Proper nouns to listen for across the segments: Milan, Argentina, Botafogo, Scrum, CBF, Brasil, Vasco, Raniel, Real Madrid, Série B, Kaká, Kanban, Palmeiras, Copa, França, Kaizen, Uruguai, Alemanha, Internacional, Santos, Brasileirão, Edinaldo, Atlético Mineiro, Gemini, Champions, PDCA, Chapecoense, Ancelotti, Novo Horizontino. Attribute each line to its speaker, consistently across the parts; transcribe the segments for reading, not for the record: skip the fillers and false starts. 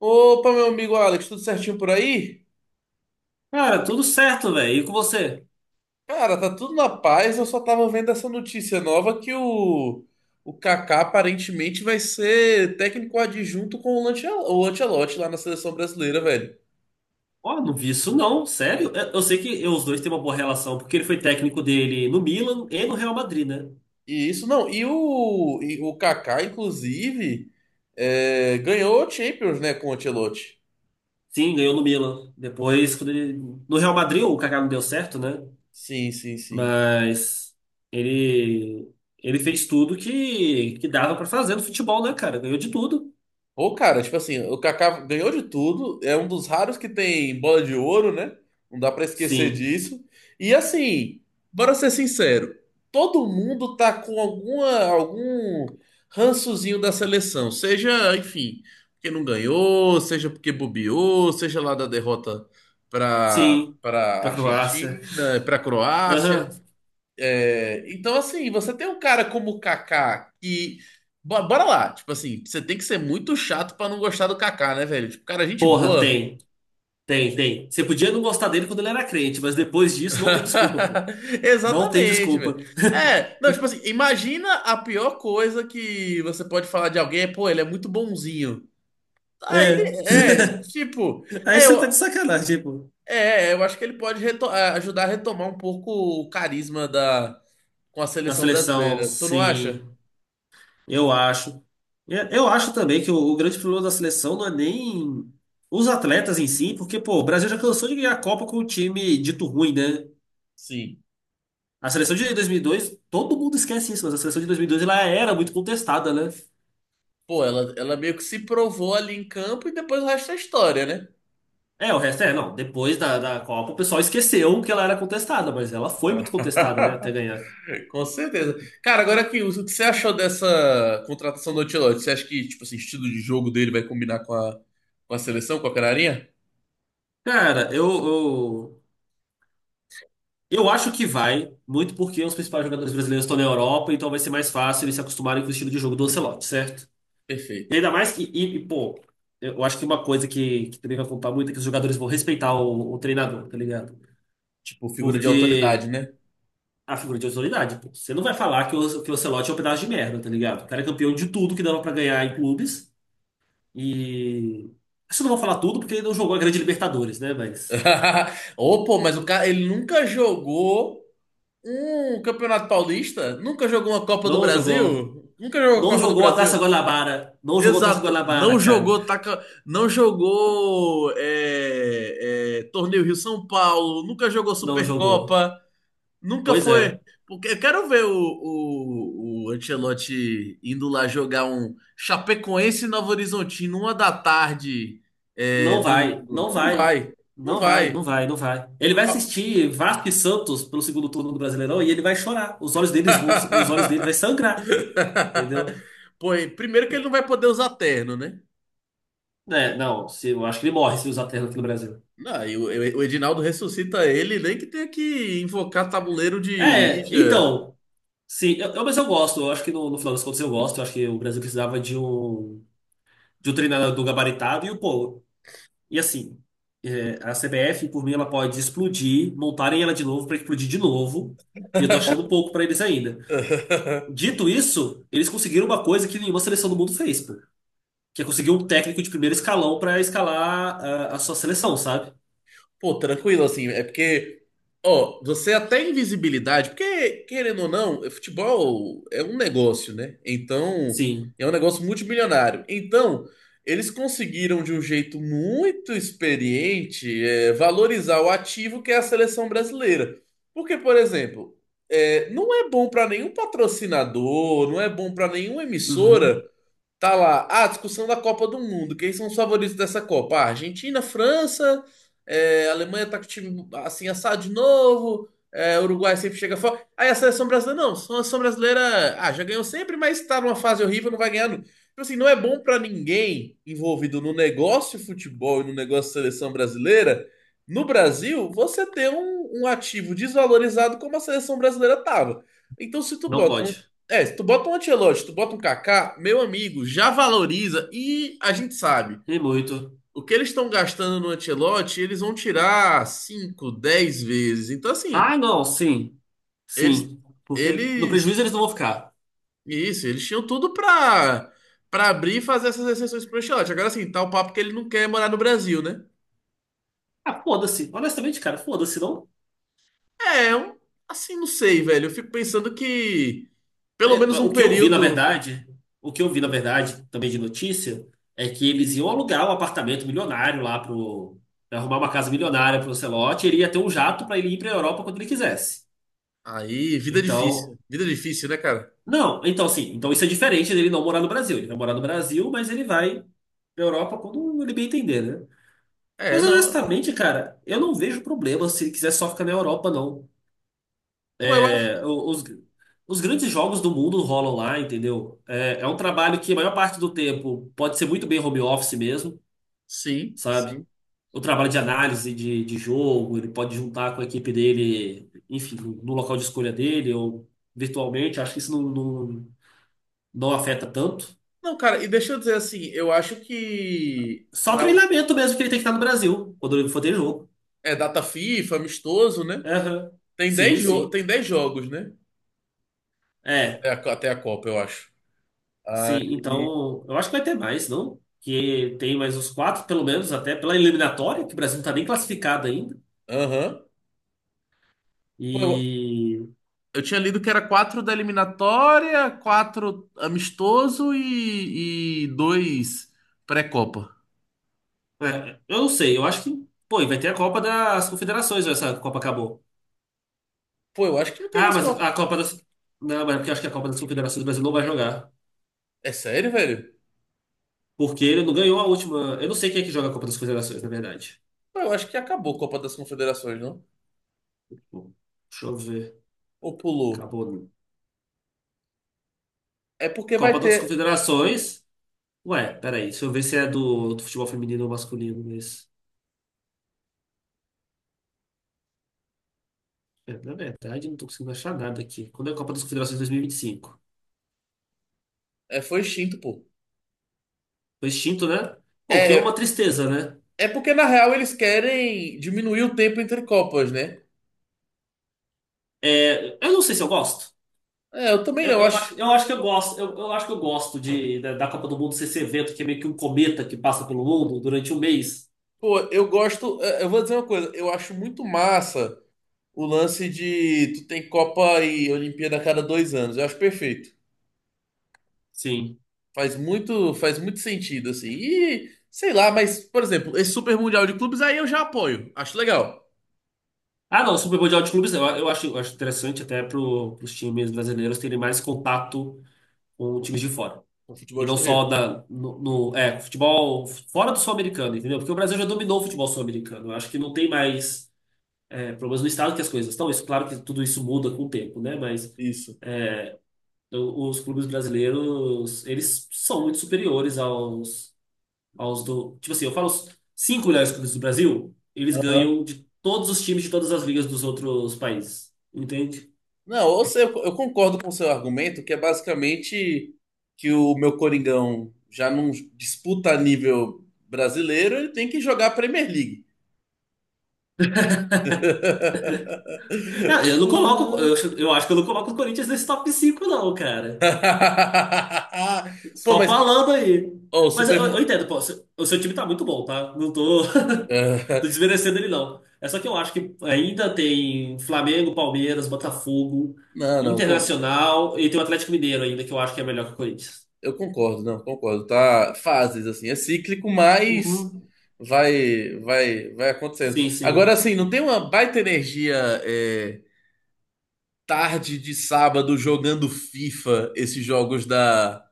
Speaker 1: Opa, meu amigo Alex, tudo certinho por aí?
Speaker 2: Cara, tudo certo, velho. E com você?
Speaker 1: Cara, tá tudo na paz. Eu só tava vendo essa notícia nova que o Kaká aparentemente vai ser técnico adjunto com o o Ancelotti lá na seleção brasileira, velho.
Speaker 2: Ó, não vi isso não, sério. Eu sei que os dois têm uma boa relação, porque ele foi técnico dele no Milan e no Real Madrid, né?
Speaker 1: E isso não, e o Kaká, inclusive, ganhou o Champions, né, com o Ancelotti.
Speaker 2: Sim, ganhou no Milan. Depois, quando ele... No Real Madrid o Kaká não deu certo, né?
Speaker 1: Sim, sim, sim.
Speaker 2: Mas ele ele fez tudo que dava pra fazer no futebol, né, cara? Ganhou de tudo.
Speaker 1: Pô, cara, tipo assim, o Kaká ganhou de tudo, é um dos raros que tem bola de ouro, né? Não dá pra esquecer
Speaker 2: Sim,
Speaker 1: disso. E assim, bora ser sincero, todo mundo tá com algum rançozinho da seleção, seja, enfim, porque não ganhou, seja porque bobeou, seja lá da derrota pra
Speaker 2: sim.
Speaker 1: para
Speaker 2: Pra Croácia.
Speaker 1: Argentina, pra Croácia.
Speaker 2: Aham.
Speaker 1: Então, assim, você tem um cara como o Kaká que. Bora lá, tipo assim, você tem que ser muito chato pra não gostar do Kaká, né, velho? Tipo, cara, gente
Speaker 2: Porra,
Speaker 1: boa.
Speaker 2: tem. Tem, tem. Você podia não gostar dele quando ele era crente, mas depois disso não tem desculpa, pô. Não tem
Speaker 1: Exatamente,
Speaker 2: desculpa.
Speaker 1: velho. É, não, tipo assim, imagina a pior coisa que você pode falar de alguém é, pô, ele é muito bonzinho. Aí,
Speaker 2: É,
Speaker 1: tipo,
Speaker 2: aí você tá de sacanagem, tipo,
Speaker 1: eu acho que ele pode ajudar a retomar um pouco o carisma da, com a
Speaker 2: na
Speaker 1: seleção
Speaker 2: seleção,
Speaker 1: brasileira. Tu não acha?
Speaker 2: sim, eu acho. É, eu acho também que o grande problema da seleção não é nem os atletas em si, porque, pô, o Brasil já cansou de ganhar a Copa com um time dito ruim, né?
Speaker 1: Sim.
Speaker 2: A seleção de 2002, todo mundo esquece isso, mas a seleção de 2002 ela era muito contestada, né?
Speaker 1: Pô, ela meio que se provou ali em campo e depois o resto é história, né?
Speaker 2: É, o resto é, não, depois da, da Copa o pessoal esqueceu que ela era contestada, mas ela foi muito contestada, né, até ganhar.
Speaker 1: Com certeza. Cara, agora que o que você achou dessa contratação do Ancelotti? Você acha que, tipo assim, o estilo de jogo dele vai combinar com a seleção, com a canarinha?
Speaker 2: Cara, eu acho que vai, muito porque os principais jogadores brasileiros estão na Europa, então vai ser mais fácil eles se acostumarem com o estilo de jogo do Ancelotti, certo? E
Speaker 1: Perfeito.
Speaker 2: ainda mais que, pô, eu acho que uma coisa que também vai contar muito é que os jogadores vão respeitar o treinador, tá ligado?
Speaker 1: Tipo, figura de autoridade,
Speaker 2: Porque
Speaker 1: né?
Speaker 2: a figura de autoridade, pô, você não vai falar que o Ancelotti é um pedaço de merda, tá ligado? O cara é campeão de tudo que dava pra ganhar em clubes e. Acho que eu não vou falar tudo porque ele não jogou a Grande Libertadores, né? Mas.
Speaker 1: Ô, pô, mas o cara, ele nunca jogou um Campeonato Paulista? Nunca jogou uma Copa do
Speaker 2: Não jogou.
Speaker 1: Brasil? Nunca jogou a
Speaker 2: Não
Speaker 1: Copa do
Speaker 2: jogou a Taça
Speaker 1: Brasil?
Speaker 2: Guanabara. Não jogou a Taça
Speaker 1: Exato,
Speaker 2: Guanabara,
Speaker 1: não
Speaker 2: cara.
Speaker 1: jogou taca, não jogou torneio Rio São Paulo, nunca jogou
Speaker 2: Não jogou.
Speaker 1: Supercopa, nunca
Speaker 2: Pois
Speaker 1: foi.
Speaker 2: é.
Speaker 1: Porque eu quero ver o Ancelotti indo lá jogar um Chapecoense e Novo Horizontino, uma da tarde,
Speaker 2: Não vai,
Speaker 1: domingo.
Speaker 2: não
Speaker 1: Não
Speaker 2: vai.
Speaker 1: vai, não
Speaker 2: Não vai, não
Speaker 1: vai.
Speaker 2: vai, não vai. Ele vai assistir Vasco e Santos pelo segundo turno do Brasileirão e ele vai chorar. Os olhos deles vão, os olhos dele vai sangrar, entendeu?
Speaker 1: Pô, e primeiro que ele não vai poder usar terno, né?
Speaker 2: É, não, se, eu acho que ele morre se usar terno aqui no Brasil.
Speaker 1: Não, e o Edinaldo ressuscita ele, nem que tenha que invocar tabuleiro de
Speaker 2: É,
Speaker 1: Ouija.
Speaker 2: então, sim, mas eu gosto. Eu acho que no final das contas eu gosto. Eu acho que o Brasil precisava de um treinador gabaritado e o pô, e assim, é, a CBF, por mim, ela pode explodir, montarem ela de novo para explodir de novo. E eu tô achando pouco para eles ainda. Dito isso, eles conseguiram uma coisa que nenhuma seleção do mundo fez, pô. Que é conseguir um técnico de primeiro escalão para escalar a sua seleção, sabe?
Speaker 1: Pô, tranquilo, assim, é porque, ó, você até é invisibilidade, porque, querendo ou não, futebol é um negócio, né? Então,
Speaker 2: Sim.
Speaker 1: é um negócio multimilionário. Então, eles conseguiram, de um jeito muito experiente, valorizar o ativo que é a seleção brasileira. Porque, por exemplo, não é bom para nenhum patrocinador, não é bom para nenhuma emissora.
Speaker 2: Uhum.
Speaker 1: Tá lá. Ah, discussão da Copa do Mundo. Quem são os favoritos dessa Copa? Ah, Argentina, França, Alemanha tá com o time assim assado de novo. Uruguai sempre chega fora. Aí a seleção brasileira, não. A seleção brasileira, ah, já ganhou sempre, mas tá numa fase horrível, não vai ganhar. Nunca. Tipo assim, não é bom pra ninguém envolvido no negócio futebol e no negócio seleção brasileira. No Brasil, você ter um ativo desvalorizado como a seleção brasileira tava. Então, se tu
Speaker 2: Não
Speaker 1: bota
Speaker 2: pode.
Speaker 1: é, se tu bota um Ancelotti, se tu bota um Kaká, meu amigo, já valoriza e a gente sabe.
Speaker 2: E muito.
Speaker 1: O que eles estão gastando no Ancelotti, eles vão tirar 5, 10 vezes. Então, assim,
Speaker 2: Ah, não, sim.
Speaker 1: eles,
Speaker 2: Sim. Porque no
Speaker 1: eles,
Speaker 2: prejuízo eles não vão ficar.
Speaker 1: isso, eles tinham tudo pra, abrir e fazer essas exceções pro Ancelotti. Agora, assim, tá o papo que ele não quer morar no Brasil, né?
Speaker 2: Ah, foda-se. Honestamente, cara, foda-se. Não,
Speaker 1: É, um, assim, não sei, velho. Eu fico pensando que pelo
Speaker 2: é,
Speaker 1: menos um
Speaker 2: o que eu vi, na
Speaker 1: período.
Speaker 2: verdade, também de notícia, é que eles iam alugar um apartamento milionário lá pro, pra arrumar uma casa milionária pro Ancelotti, e ele ia ter um jato para ele ir pra Europa quando ele quisesse.
Speaker 1: Aí, vida
Speaker 2: Então,
Speaker 1: difícil. Vida difícil, né, cara?
Speaker 2: não, então assim, então isso é diferente dele não morar no Brasil. Ele vai morar no Brasil, mas ele vai pra Europa quando ele bem entender, né?
Speaker 1: É,
Speaker 2: Mas
Speaker 1: não.
Speaker 2: honestamente, cara, eu não vejo problema se ele quiser só ficar na Europa, não.
Speaker 1: Ué, eu acho.
Speaker 2: O- Os, os grandes jogos do mundo rolam lá, entendeu? É, é um trabalho que a maior parte do tempo pode ser muito bem home office mesmo,
Speaker 1: Sim,
Speaker 2: sabe?
Speaker 1: sim.
Speaker 2: O trabalho de análise de jogo, ele pode juntar com a equipe dele, enfim, no local de escolha dele ou virtualmente. Acho que não afeta tanto.
Speaker 1: Não, cara, e deixa eu dizer assim, eu acho que
Speaker 2: Só
Speaker 1: para um,
Speaker 2: treinamento mesmo que ele tem que estar no Brasil, quando ele for ter jogo.
Speaker 1: é data FIFA, amistoso, né?
Speaker 2: Aham.
Speaker 1: Tem
Speaker 2: Sim,
Speaker 1: dez jo
Speaker 2: sim.
Speaker 1: tem dez jogos, né?
Speaker 2: É.
Speaker 1: Até a Copa, eu acho.
Speaker 2: Sim,
Speaker 1: Aí,
Speaker 2: então eu acho que vai ter mais, não? Que tem mais uns quatro, pelo menos, até pela eliminatória, que o Brasil não tá nem classificado ainda.
Speaker 1: aham. Pô, eu,
Speaker 2: E
Speaker 1: eu tinha lido que era quatro da eliminatória, quatro amistoso e dois pré-Copa.
Speaker 2: é, eu não sei, eu acho que, pô, e vai ter a Copa das Confederações, ou essa Copa acabou.
Speaker 1: Pô, eu acho que não tem
Speaker 2: Ah,
Speaker 1: mais
Speaker 2: mas
Speaker 1: Copa.
Speaker 2: a Copa das. Não, mas é porque eu acho que a Copa das Confederações o Brasil não vai jogar.
Speaker 1: É sério, velho?
Speaker 2: Porque ele não ganhou a última. Eu não sei quem é que joga a Copa das Confederações, na verdade.
Speaker 1: Pô, eu acho que acabou a Copa das Confederações, não?
Speaker 2: Bom, deixa eu ver.
Speaker 1: Ou pulou?
Speaker 2: Acabou.
Speaker 1: É porque vai
Speaker 2: Copa das
Speaker 1: ter.
Speaker 2: Confederações. Ué, peraí, deixa eu ver se é do futebol feminino ou masculino, mas. É, na verdade, não tô conseguindo achar nada aqui. Quando é a Copa das Confederações 2025?
Speaker 1: É, foi extinto, pô.
Speaker 2: Foi extinto, né? Pô, o que é uma
Speaker 1: É,
Speaker 2: tristeza, né?
Speaker 1: É porque, na real, eles querem diminuir o tempo entre Copas, né?
Speaker 2: É, eu não sei se eu gosto.
Speaker 1: É, eu também
Speaker 2: Eu,
Speaker 1: não, eu
Speaker 2: eu
Speaker 1: acho.
Speaker 2: acho, eu acho que eu gosto. Eu acho que eu gosto da Copa do Mundo ser esse evento que é meio que um cometa que passa pelo mundo durante um mês.
Speaker 1: Pô, eu gosto. Eu vou dizer uma coisa, eu acho muito massa o lance de tu tem Copa e Olimpíada a cada dois anos. Eu acho perfeito.
Speaker 2: Sim.
Speaker 1: Faz muito sentido, assim. E, sei lá, mas, por exemplo, esse Super Mundial de Clubes aí eu já apoio. Acho legal.
Speaker 2: Ah, não, o Super Mundial de Clubes, eu acho, eu acho interessante até para os times brasileiros terem mais contato com times de fora.
Speaker 1: O futebol
Speaker 2: E não só
Speaker 1: estrangeiro.
Speaker 2: da, no, no- é, futebol fora do sul-americano, entendeu? Porque o Brasil já dominou o futebol sul-americano. Eu acho que não tem mais é, problemas do estado que as coisas estão. Isso, claro que tudo isso muda com o tempo, né? Mas
Speaker 1: Isso.
Speaker 2: os clubes brasileiros, eles são muito superiores aos, aos do. Tipo assim, eu falo os cinco melhores clubes do Brasil, eles ganham de todos os times de todas as ligas dos outros países. Entende?
Speaker 1: Não, ou seja, eu concordo com o seu argumento, que é basicamente que o meu Coringão já não disputa a nível brasileiro, ele tem que jogar a Premier League.
Speaker 2: É, eu não coloco.
Speaker 1: Não.
Speaker 2: Eu acho que eu não coloco o Corinthians nesse top 5 não, cara.
Speaker 1: Pô,
Speaker 2: Só
Speaker 1: mas
Speaker 2: falando aí.
Speaker 1: ó, o
Speaker 2: Mas eu,
Speaker 1: Super.
Speaker 2: eu entendo, pô, o seu time tá muito bom, tá? Não tô, tô desmerecendo ele, não. É só que eu acho que ainda tem Flamengo, Palmeiras, Botafogo,
Speaker 1: Não, não, con-
Speaker 2: Internacional e tem o Atlético Mineiro ainda, que eu acho que é melhor que o Corinthians.
Speaker 1: eu concordo, não, concordo. Tá, fases assim, é cíclico, mas
Speaker 2: Uhum.
Speaker 1: vai, vai, vai acontecendo.
Speaker 2: Sim,
Speaker 1: Agora,
Speaker 2: sim.
Speaker 1: assim, não tem uma baita energia é, tarde de sábado jogando FIFA, esses jogos da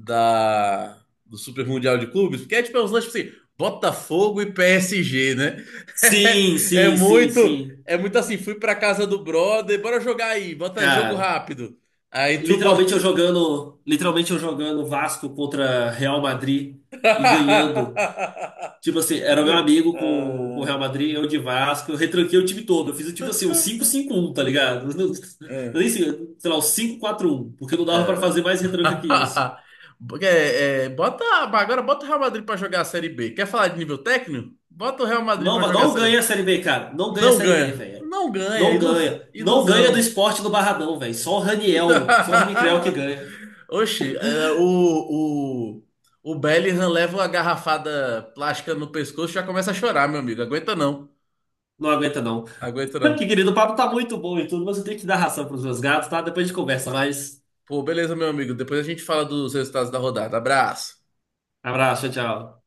Speaker 1: da, do Super Mundial de Clubes, porque é tipo é uns lances tipo assim, Botafogo e PSG, né?
Speaker 2: Sim,
Speaker 1: É,
Speaker 2: sim, sim,
Speaker 1: muito,
Speaker 2: sim.
Speaker 1: é muito assim, fui pra casa do brother, bora jogar aí, bota jogo
Speaker 2: Cara,
Speaker 1: rápido. Aí tu bota.
Speaker 2: literalmente eu jogando Vasco contra Real Madrid e ganhando. Tipo assim, era meu amigo com o Real Madrid, eu de Vasco, eu retranquei o time todo. Eu fiz tipo assim, um 5-5-1 tá ligado?
Speaker 1: É,
Speaker 2: Nem sei, sei lá, um 5-4-1 porque não dava pra
Speaker 1: é.
Speaker 2: fazer mais retranca que isso.
Speaker 1: Agora bota o Real Madrid pra jogar a Série B. Quer falar de nível técnico? Bota o Real Madrid pra jogar a
Speaker 2: Não
Speaker 1: Série B.
Speaker 2: ganha a Série B, cara. Não ganha a
Speaker 1: Não
Speaker 2: Série B,
Speaker 1: ganha.
Speaker 2: velho.
Speaker 1: Não ganha.
Speaker 2: Não
Speaker 1: ilus-
Speaker 2: ganha. Não ganha do
Speaker 1: ilusão.
Speaker 2: esporte do Barradão, velho. Só o Raniel que ganha.
Speaker 1: Oxi, o Bellingham leva uma garrafada plástica no pescoço e já começa a chorar, meu amigo. Aguenta não.
Speaker 2: Não aguenta, não.
Speaker 1: Aguenta não.
Speaker 2: Que querido, o papo tá muito bom e tudo, mas eu tenho que dar ração pros meus gatos, tá? Depois a gente conversa mais.
Speaker 1: Pô, beleza, meu amigo. Depois a gente fala dos resultados da rodada. Abraço.
Speaker 2: Abraço, tchau.